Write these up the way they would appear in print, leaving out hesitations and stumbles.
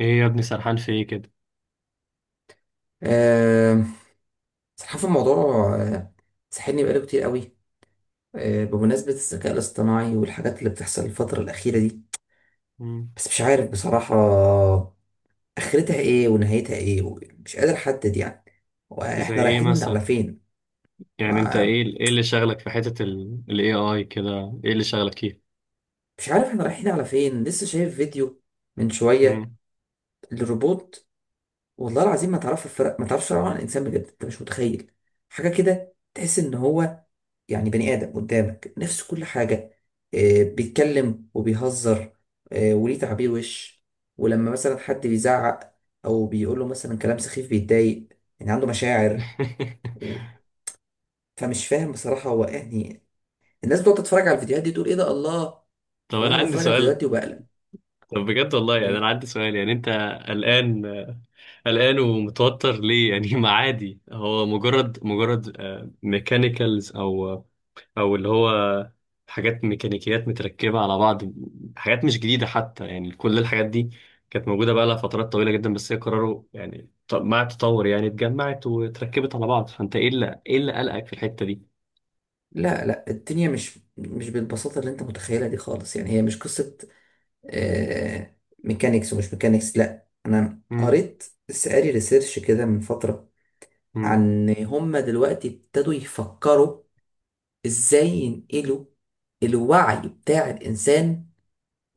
ايه يا ابني، سرحان في ايه كده؟ آه، صراحة في الموضوع، ساحلني بقاله كتير قوي، بمناسبة الذكاء الاصطناعي والحاجات اللي بتحصل الفترة الأخيرة دي. مم. بس مش عارف بصراحة آخرتها إيه ونهايتها إيه، مش قادر أحدد يعني، زي وإحنا ايه رايحين على مثلا؟ فين. يعني انت ما ايه اللي شغلك في حتة ال AI كده؟ ايه اللي شغلك فيه؟ مش عارف إحنا رايحين على فين. لسه شايف فيديو من شوية مم. للروبوت، والله العظيم ما تعرفش الفرق، ما تعرفش الفرق عن الإنسان، بجد أنت مش متخيل حاجة كده. تحس إن هو يعني بني آدم قدامك، نفس كل حاجة، بيتكلم وبيهزر، وليه تعبير وش. ولما مثلا حد بيزعق أو بيقول له مثلا كلام سخيف بيتضايق، يعني عنده مشاعر و... فمش فاهم بصراحة هو يعني. الناس بتقعد تتفرج على الفيديوهات دي تقول إيه ده، الله. طب انا وأنا عندي بتفرج على الفيديوهات سؤال. دي وبقلق. طب بجد والله، يعني انا إيه؟ عندي سؤال، يعني انت قلقان قلقان ومتوتر ليه يعني؟ ما عادي، هو مجرد ميكانيكالز او اللي هو حاجات ميكانيكيات متركبه على بعض. حاجات مش جديده حتى، يعني كل الحاجات دي كانت موجوده بقى لها فترات طويله جدا، بس هي قرروا يعني مع التطور يعني اتجمعت واتركبت على بعض. فانت ايه اللي قلقك في الحته دي؟ لا لا، الدنيا مش بالبساطة اللي أنت متخيلها دي خالص، يعني هي مش قصة آه ميكانيكس ومش ميكانيكس. لا أنا امم. قريت، لسه قاري ريسيرش كده من فترة، امم. عن هم دلوقتي ابتدوا يفكروا ازاي ينقلوا الوعي بتاع الانسان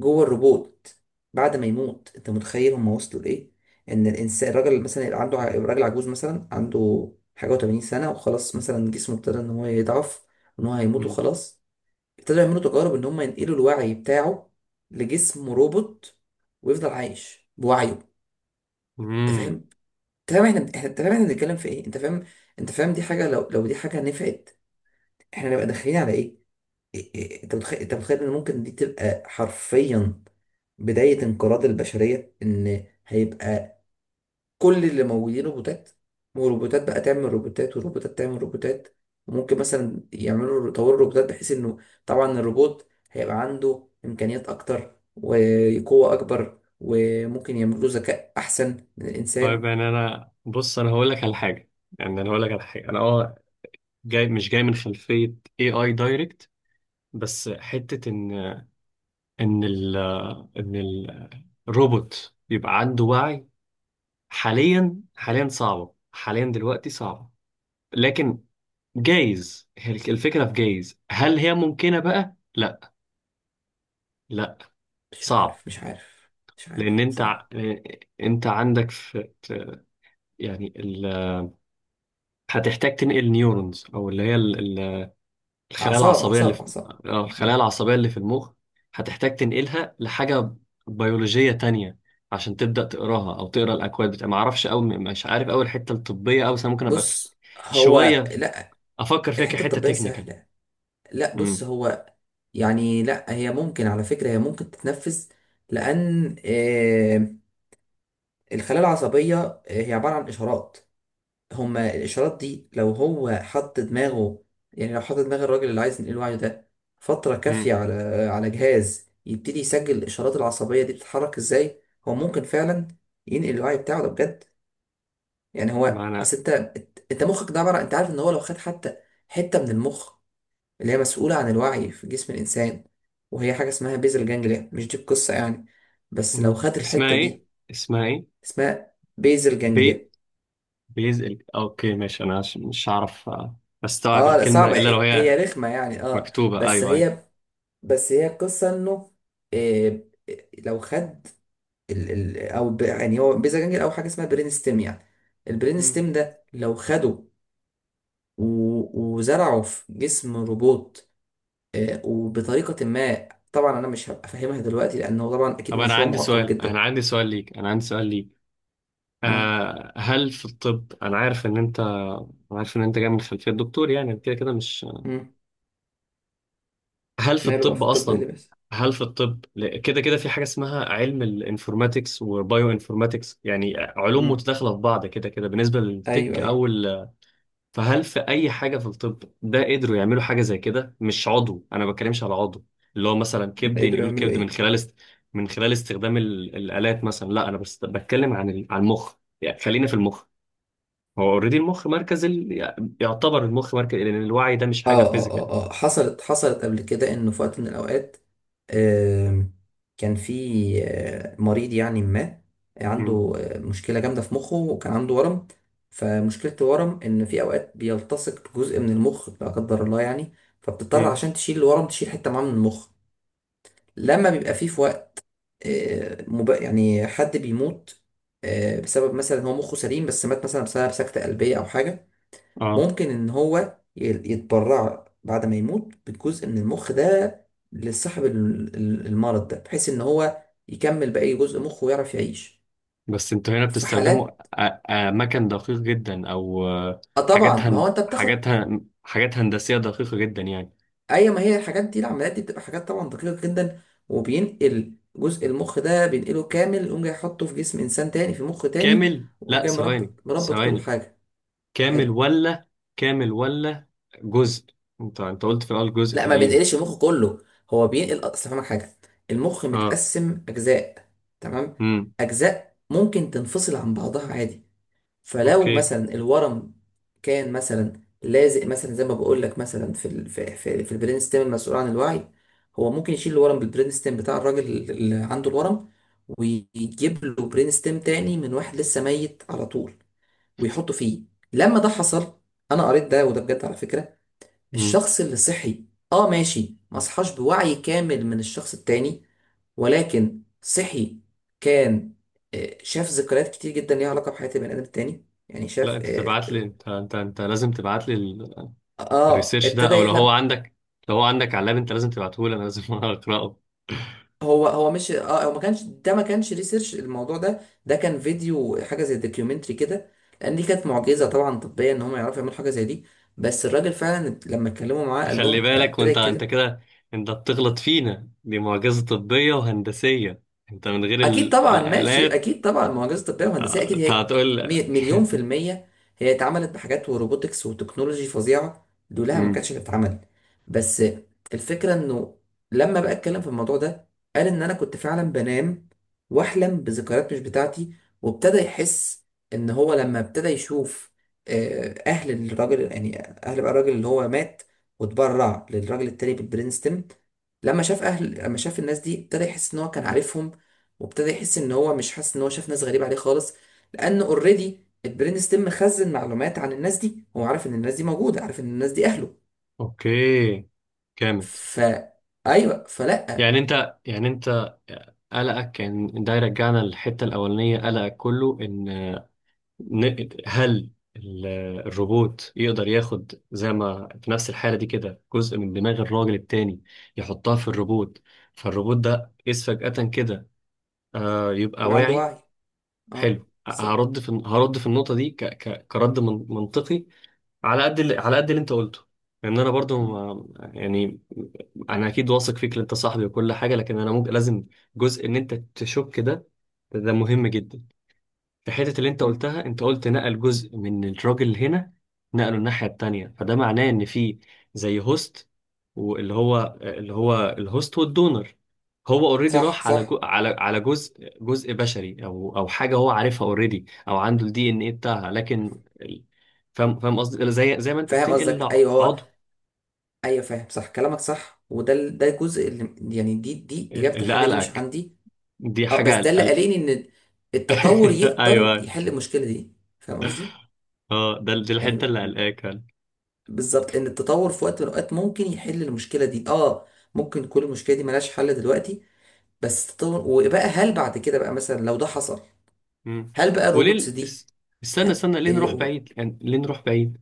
جوه الروبوت بعد ما يموت. انت متخيل هم وصلوا لايه؟ ان الانسان، الراجل اللي مثلا يبقى عنده راجل عجوز مثلا عنده حاجه و80 سنه، وخلاص مثلا جسمه ابتدى ان هو يضعف وان هو هيموت امم. وخلاص، ابتدوا يعملوا تجارب ان هم ينقلوا الوعي بتاعه لجسم روبوت ويفضل عايش بوعيه. انت فاهم؟ أمم. انت فاهم احنا انت فاهم احنا بنتكلم في ايه؟ انت فاهم؟ انت فاهم دي حاجه، لو دي حاجه نفعت احنا نبقى داخلين على ايه؟ إيه- إيه، انت متخيل، انت متخيل ان ممكن دي تبقى حرفيا بداية انقراض البشرية، ان هيبقى كل اللي موجودين روبوتات، والروبوتات بقى تعمل روبوتات، والروبوتات تعمل روبوتات. وممكن مثلا يعملوا يطوروا الروبوتات بحيث انه، طبعا الروبوت هيبقى عنده امكانيات اكتر وقوة اكبر، وممكن يعملوا ذكاء احسن من طيب، الانسان. يعني انا بص انا هقول لك على حاجه. يعني انا هقول لك على حاجه. انا جاي، مش جاي من خلفيه اي دايركت، بس حته ان ال ان الروبوت يبقى عنده وعي. حاليا صعبة، حاليا دلوقتي صعبة، لكن جايز هي الفكرة في، جايز هل هي ممكنة بقى؟ لا، لا، مش صعب. عارف، مش عارف. مش لأن عارف بصراحة. أنت عندك في يعني ال... هتحتاج تنقل نيورونز، أو اللي هي الخلايا اعصاب العصبية اللي اعصاب في، اعصاب. أو الخلايا العصبية اللي في المخ. هتحتاج تنقلها لحاجة بيولوجية تانية عشان تبدأ تقراها أو تقرا الأكواد بتاع. معرفش أوي، مش عارف أوي الحتة الطبية أوي، بس أنا ممكن أبقى بص هو، شوية لا. افكر فيها الحتة كحته الطبية تكنيكال. سهلة. لا بص امم. هو، يعني لا هي ممكن، على فكرة هي ممكن تتنفذ. لأن الخلايا العصبية، هي عبارة عن إشارات. هما الإشارات دي لو هو حط دماغه، يعني لو حط دماغ الراجل اللي عايز ينقل وعيه ده فترة كافية امم. على على جهاز يبتدي يسجل الإشارات العصبية دي بتتحرك إزاي، هو ممكن فعلا ينقل الوعي بتاعه ده بجد. يعني هو معنى. أصل أنت، أنت مخك ده عبارة، أنت عارف إن هو لو خد حتى حتة من المخ اللي هي مسؤولة عن الوعي في جسم الإنسان، وهي حاجة اسمها بيزل جانجليا، مش دي القصة يعني، بس لو مم. خد اسمها الحتة ايه؟ دي. اسمها ايه؟ اسمها بيزل بي جانجليا. بيزل، اوكي، ماشي. انا مش هعرف استوعب اه لا الكلمه صعبة، الا لو هي هي رخمة يعني، اه مكتوبه. بس ايوه، ايوه. هي، بس هي القصة انه، إيه، لو خد يعني هو بيزل جانجليا او حاجة اسمها برين ستيم يعني، البرين مم. ستيم ده لو خده وزرعه في جسم روبوت، إيه وبطريقة ما طبعا انا مش هبقى فاهمها دلوقتي لانه طبعا اكيد طب انا مشروع عندي معقد سؤال، انا جدا. عندي سؤال ليك انا عندي سؤال ليك آه. هل في الطب، انا عارف ان انت أنا عارف ان انت جاي من خلفيه دكتور يعني كده كده مش؟ مم. هل في ماله بقى في الطب الطب، ايه اللي اصلا؟ بيحصل؟ هل في الطب كده كده في حاجه اسمها علم الانفورماتكس وبايو انفورماتكس، يعني علوم مم. متداخله في بعض كده كده بالنسبه ايوه للتك ايوه. او ال... فهل في اي حاجه في الطب ده قدروا يعملوا حاجه زي كده؟ مش عضو، انا ما بتكلمش على عضو اللي هو مثلا كبد قدروا ينقلوا يعملوا الكبد من ايه؟ خلال من خلال استخدام ال... الالات مثلا. لا، انا بس بتكلم عن ال... عن المخ، يعني خلينا في المخ. هو اوريدي المخ مركز ال... يعتبر المخ مركز، لان الوعي ده مش حاجه فيزيكال. اه حصلت قبل كده انه في وقت من الاوقات، آم، كان في مريض يعني ما امم. عنده مشكله جامده في مخه وكان عنده ورم. فمشكله الورم ان في اوقات بيلتصق جزء من المخ، لا قدر الله يعني، فبتضطر عشان تشيل الورم تشيل حته معاه من المخ. لما بيبقى فيه في وقت يعني حد بيموت بسبب مثلا هو مخه سليم بس مات مثلا بسبب سكتة قلبية أو حاجة، امم. ممكن إن هو يتبرع بعد ما يموت بجزء من المخ ده لصاحب المرض ده بحيث إن هو يكمل باقي جزء مخه ويعرف يعيش، بس انتوا هنا في بتستخدموا حالات. اماكن دقيق جدا، او اه طبعا، ما هو انت بتاخد، حاجات هندسية دقيقة جدا يعني. اي ما هي الحاجات دي، العمليات دي بتبقى حاجات طبعا دقيقة جدا، وبينقل جزء المخ ده، بينقله كامل يقوم جاي يحطه في جسم انسان تاني في مخ تاني، كامل؟ ويقوم لا، جاي مربط ثواني، مربط كل ثواني. حاجة، كامل حلو. ولا كامل ولا جزء؟ انت قلت في الاول جزء لا ما تقريبا. بينقلش المخ كله، هو بينقل، اصل فاهمك حاجه، المخ اه. متقسم اجزاء، تمام، امم. اجزاء ممكن تنفصل عن بعضها عادي. فلو اوكي. مثلا الورم كان مثلا لازق مثلا زي ما بقول لك مثلا في في البرين ستيم المسؤول عن الوعي، هو ممكن يشيل الورم بالبرين ستيم بتاع الراجل اللي عنده الورم ويجيب له برين ستيم تاني من واحد لسه ميت على طول ويحطه فيه. لما ده حصل، انا قريت ده وده بجد على فكره، امم. الشخص اللي صحي، اه ماشي ما صحاش بوعي كامل من الشخص التاني، ولكن صحي، كان شاف ذكريات كتير جدا ليها علاقة بحياة البني آدم التاني، يعني لا، شاف انت تبعت لي، اه انت لازم تبعت لي. آه، آه، الريسيرش ده، ابتدى او لو هو يحلم. عندك لو هو عندك علاب، انت لازم تبعته لي، انا لازم اقراه. هو مش هو ما كانش ريسيرش الموضوع ده، ده كان فيديو حاجة زي دوكيومنتري كده، لأن دي كانت معجزة طبعا طبية إن هم يعرفوا يعملوا حاجة زي دي. بس الراجل فعلا لما اتكلموا معاه قال تخلي لهم، بالك، ابتدى وانت يتكلم. كده انت بتغلط فينا. دي معجزة طبية وهندسية، انت من غير اكيد طبعا ماشي، الآلات. اكيد طبعا معجزه طبيه وهندسيه، اكيد انت هي هتقول مليون في الميه، هي اتعملت بحاجات وروبوتكس وتكنولوجي فظيعه دولها ما مم. كانتش هتتعمل. بس الفكره انه لما بقى اتكلم في الموضوع ده قال ان انا كنت فعلا بنام واحلم بذكريات مش بتاعتي، وابتدى يحس ان هو لما ابتدى يشوف اهل الراجل، يعني اهل بقى الراجل اللي هو مات واتبرع للراجل التاني بالبرينستون، لما شاف اهل، لما شاف الناس دي ابتدى يحس ان هو كان عارفهم، وابتدى يحس ان هو مش حاسس ان هو شاف ناس غريبه عليه خالص، لان اوريدي البرين ستيم مخزن معلومات عن الناس دي، هو عارف ان الناس دي موجوده، عارف ان الناس دي اهله. اوكي، جامد. ف ايوه فلا. يعني انت، قلقك كان ده يرجعنا للحتة الأولانية. قلقك كله إن هل ال- الروبوت يقدر ياخد، زي ما في نفس الحالة دي كده، جزء من دماغ الراجل التاني يحطها في الروبوت، فالروبوت ده إذ فجأة كده يبقى يبقى عنده واعي. وعي. اه حلو. بالظبط. هرد في النقطة دي كرد منطقي، على قد اللي انت قلته. لان انا برضو مم، ما... يعني انا اكيد واثق فيك إن انت صاحبي وكل حاجة، لكن انا ممكن لازم جزء ان انت تشك ده. ده مهم جدا. في حتة اللي انت مم. قلتها، انت قلت نقل جزء من الراجل هنا، نقله الناحية التانية، فده معناه ان في زي هوست، واللي هو اللي هو الهوست والدونر. هو اوريدي صح راح على صح. جو، على جزء بشري، او حاجة هو عارفها اوريدي، او عنده الدي ان ايه بتاعها، لكن فاهم قصدي، زي ما انت فاهم بتنقل قصدك، ايوه هو. عضو. ايوه فاهم، صح كلامك صح، وده ده الجزء اللي يعني، دي اجابه، اللي الحاجه دي مش قلقك، عندي. دي اه بس ده حاجة اللي قلق. قاليني ان التطور يقدر ايوه. يحل المشكله دي، فاهم قصدي، اه ده دي الحتة يعني اللي قلقاك. بالظبط ان التطور في وقت من الاوقات ممكن يحل المشكله دي اه، ممكن كل المشكله دي ملهاش حل دلوقتي، بس التطور وبقى، هل بعد كده بقى مثلا لو ده حصل، مم. هل بقى وليه الروبوتس دي، استنى، استنى، ليه ايه نروح قول. بعيد؟ يعني ليه نروح بعيد؟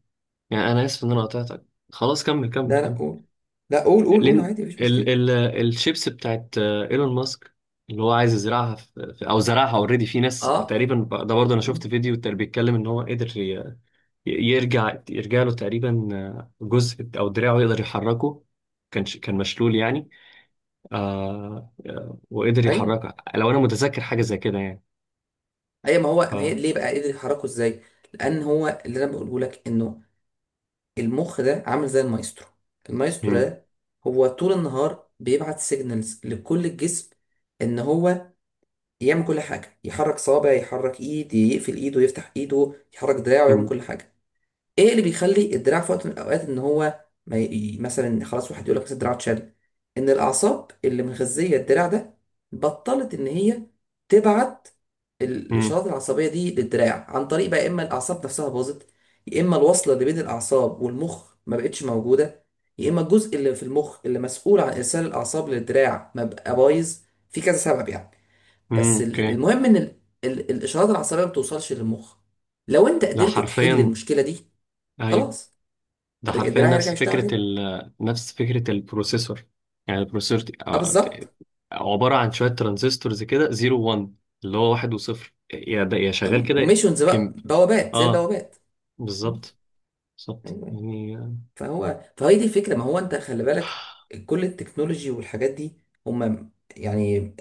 يعني انا اسف ان انا مم. قطعتك. خلاص، كمل، كمل، لا لا كمل. قول. لا قول قول ليه قول ن- عادي، مفيش ال مشكله. ال الشيبس بتاعت ايلون ماسك، اللي هو عايز يزرعها في او زرعها اوريدي في ناس اه تقريبا ده برضه انا شفت فيديو تقريبا بيتكلم ان هو قدر يرجع له تقريبا جزء، او دراعه يقدر يحركه. كان مشلول يعني. وقدر ايوه يحركها لو انا متذكر حاجه زي كده يعني. ايوه، ما هو ف ما هي ليه بقى قدر يحركه ازاي؟ لان هو اللي انا بقوله لك انه المخ ده عامل زي المايسترو، المايسترو مم. ده هو طول النهار بيبعت سيجنالز لكل الجسم ان هو يعمل كل حاجة، يحرك صابع، يحرك ايد، يقفل ايده، يفتح ايده، يحرك دراعه، يعمل مم. كل حاجة. ايه اللي بيخلي الدراع في وقت من الاوقات ان هو ما ي... مثلا خلاص واحد يقول لك مثلا الدراع اتشل؟ ان الاعصاب اللي مغذية الدراع ده بطلت ان هي تبعت مم. الاشارات العصبية دي للدراع، عن طريق بقى يا اما الاعصاب نفسها باظت، يا اما الوصلة اللي بين الاعصاب والمخ ما بقتش موجودة، يا اما الجزء اللي في المخ اللي مسؤول عن ارسال الاعصاب للدراع ما بقى بايظ، في كذا سبب يعني. مم. بس اوكي. المهم ان الاشارات العصبيه ما بتوصلش للمخ. لو انت ده قدرت تحل حرفيا... المشكله دي ايوه، خلاص، ده حرفيا الدراع يرجع نفس يشتغل فكرة تاني. نفس فكرة البروسيسور. يعني البروسيسور اه بالظبط. عبارة عن شوية ترانزستورز كده، زيرو وان، اللي هو واحد وصفر، يا ده يا شغال كده. وميشنز بقى كم. بوابات زي اه، البوابات. م. بالظبط. ايوه بالظبط أيوة. يعني فهو فهي دي الفكره، ما هو انت خلي بالك كل التكنولوجي والحاجات دي، هم يعني،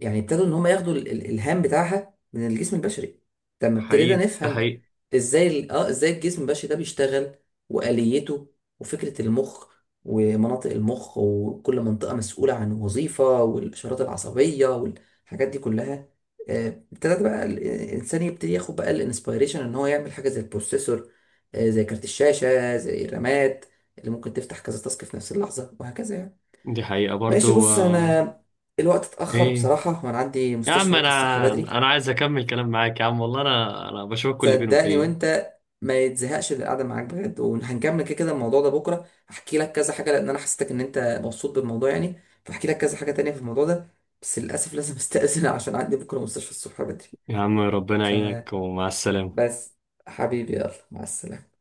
يعني ابتدوا ان هم ياخدوا الالهام بتاعها من الجسم البشري، لما ابتدينا حقيقي، ده نفهم حقيقي. ازاي ازاي الجسم البشري ده بيشتغل واليته، وفكره المخ ومناطق المخ وكل منطقه مسؤوله عن وظيفه والاشارات العصبيه والحاجات دي كلها. آه، ابتدت بقى الانسان يبتدي ياخد بقى الانسبيريشن ان هو يعمل حاجه زي البروسيسور، زي كارت الشاشه زي الرامات اللي ممكن تفتح كذا تاسك في نفس اللحظه وهكذا يعني. دي حقيقة ماشي برضو بص، انا آه. الوقت اتاخر ايه؟ بصراحه وانا عندي يا مستشفى عم بكره انا، الصبح بدري. عايز اكمل كلام معاك يا عم والله، انا بشوفك كل فين صدقني وفين. وانت ما يتزهقش اللي قاعده معاك، بجد، وهنكمل كده كده الموضوع ده بكره، هحكي لك كذا حاجه لان انا حسيتك ان انت مبسوط بالموضوع يعني، فاحكي لك كذا حاجه تانية في الموضوع ده. بس للاسف لازم استاذن عشان عندي بكره مستشفى الصبح بدري. يا عم، ربنا يعينك ومع السلامة. بس حبيبي، يلا مع السلامه.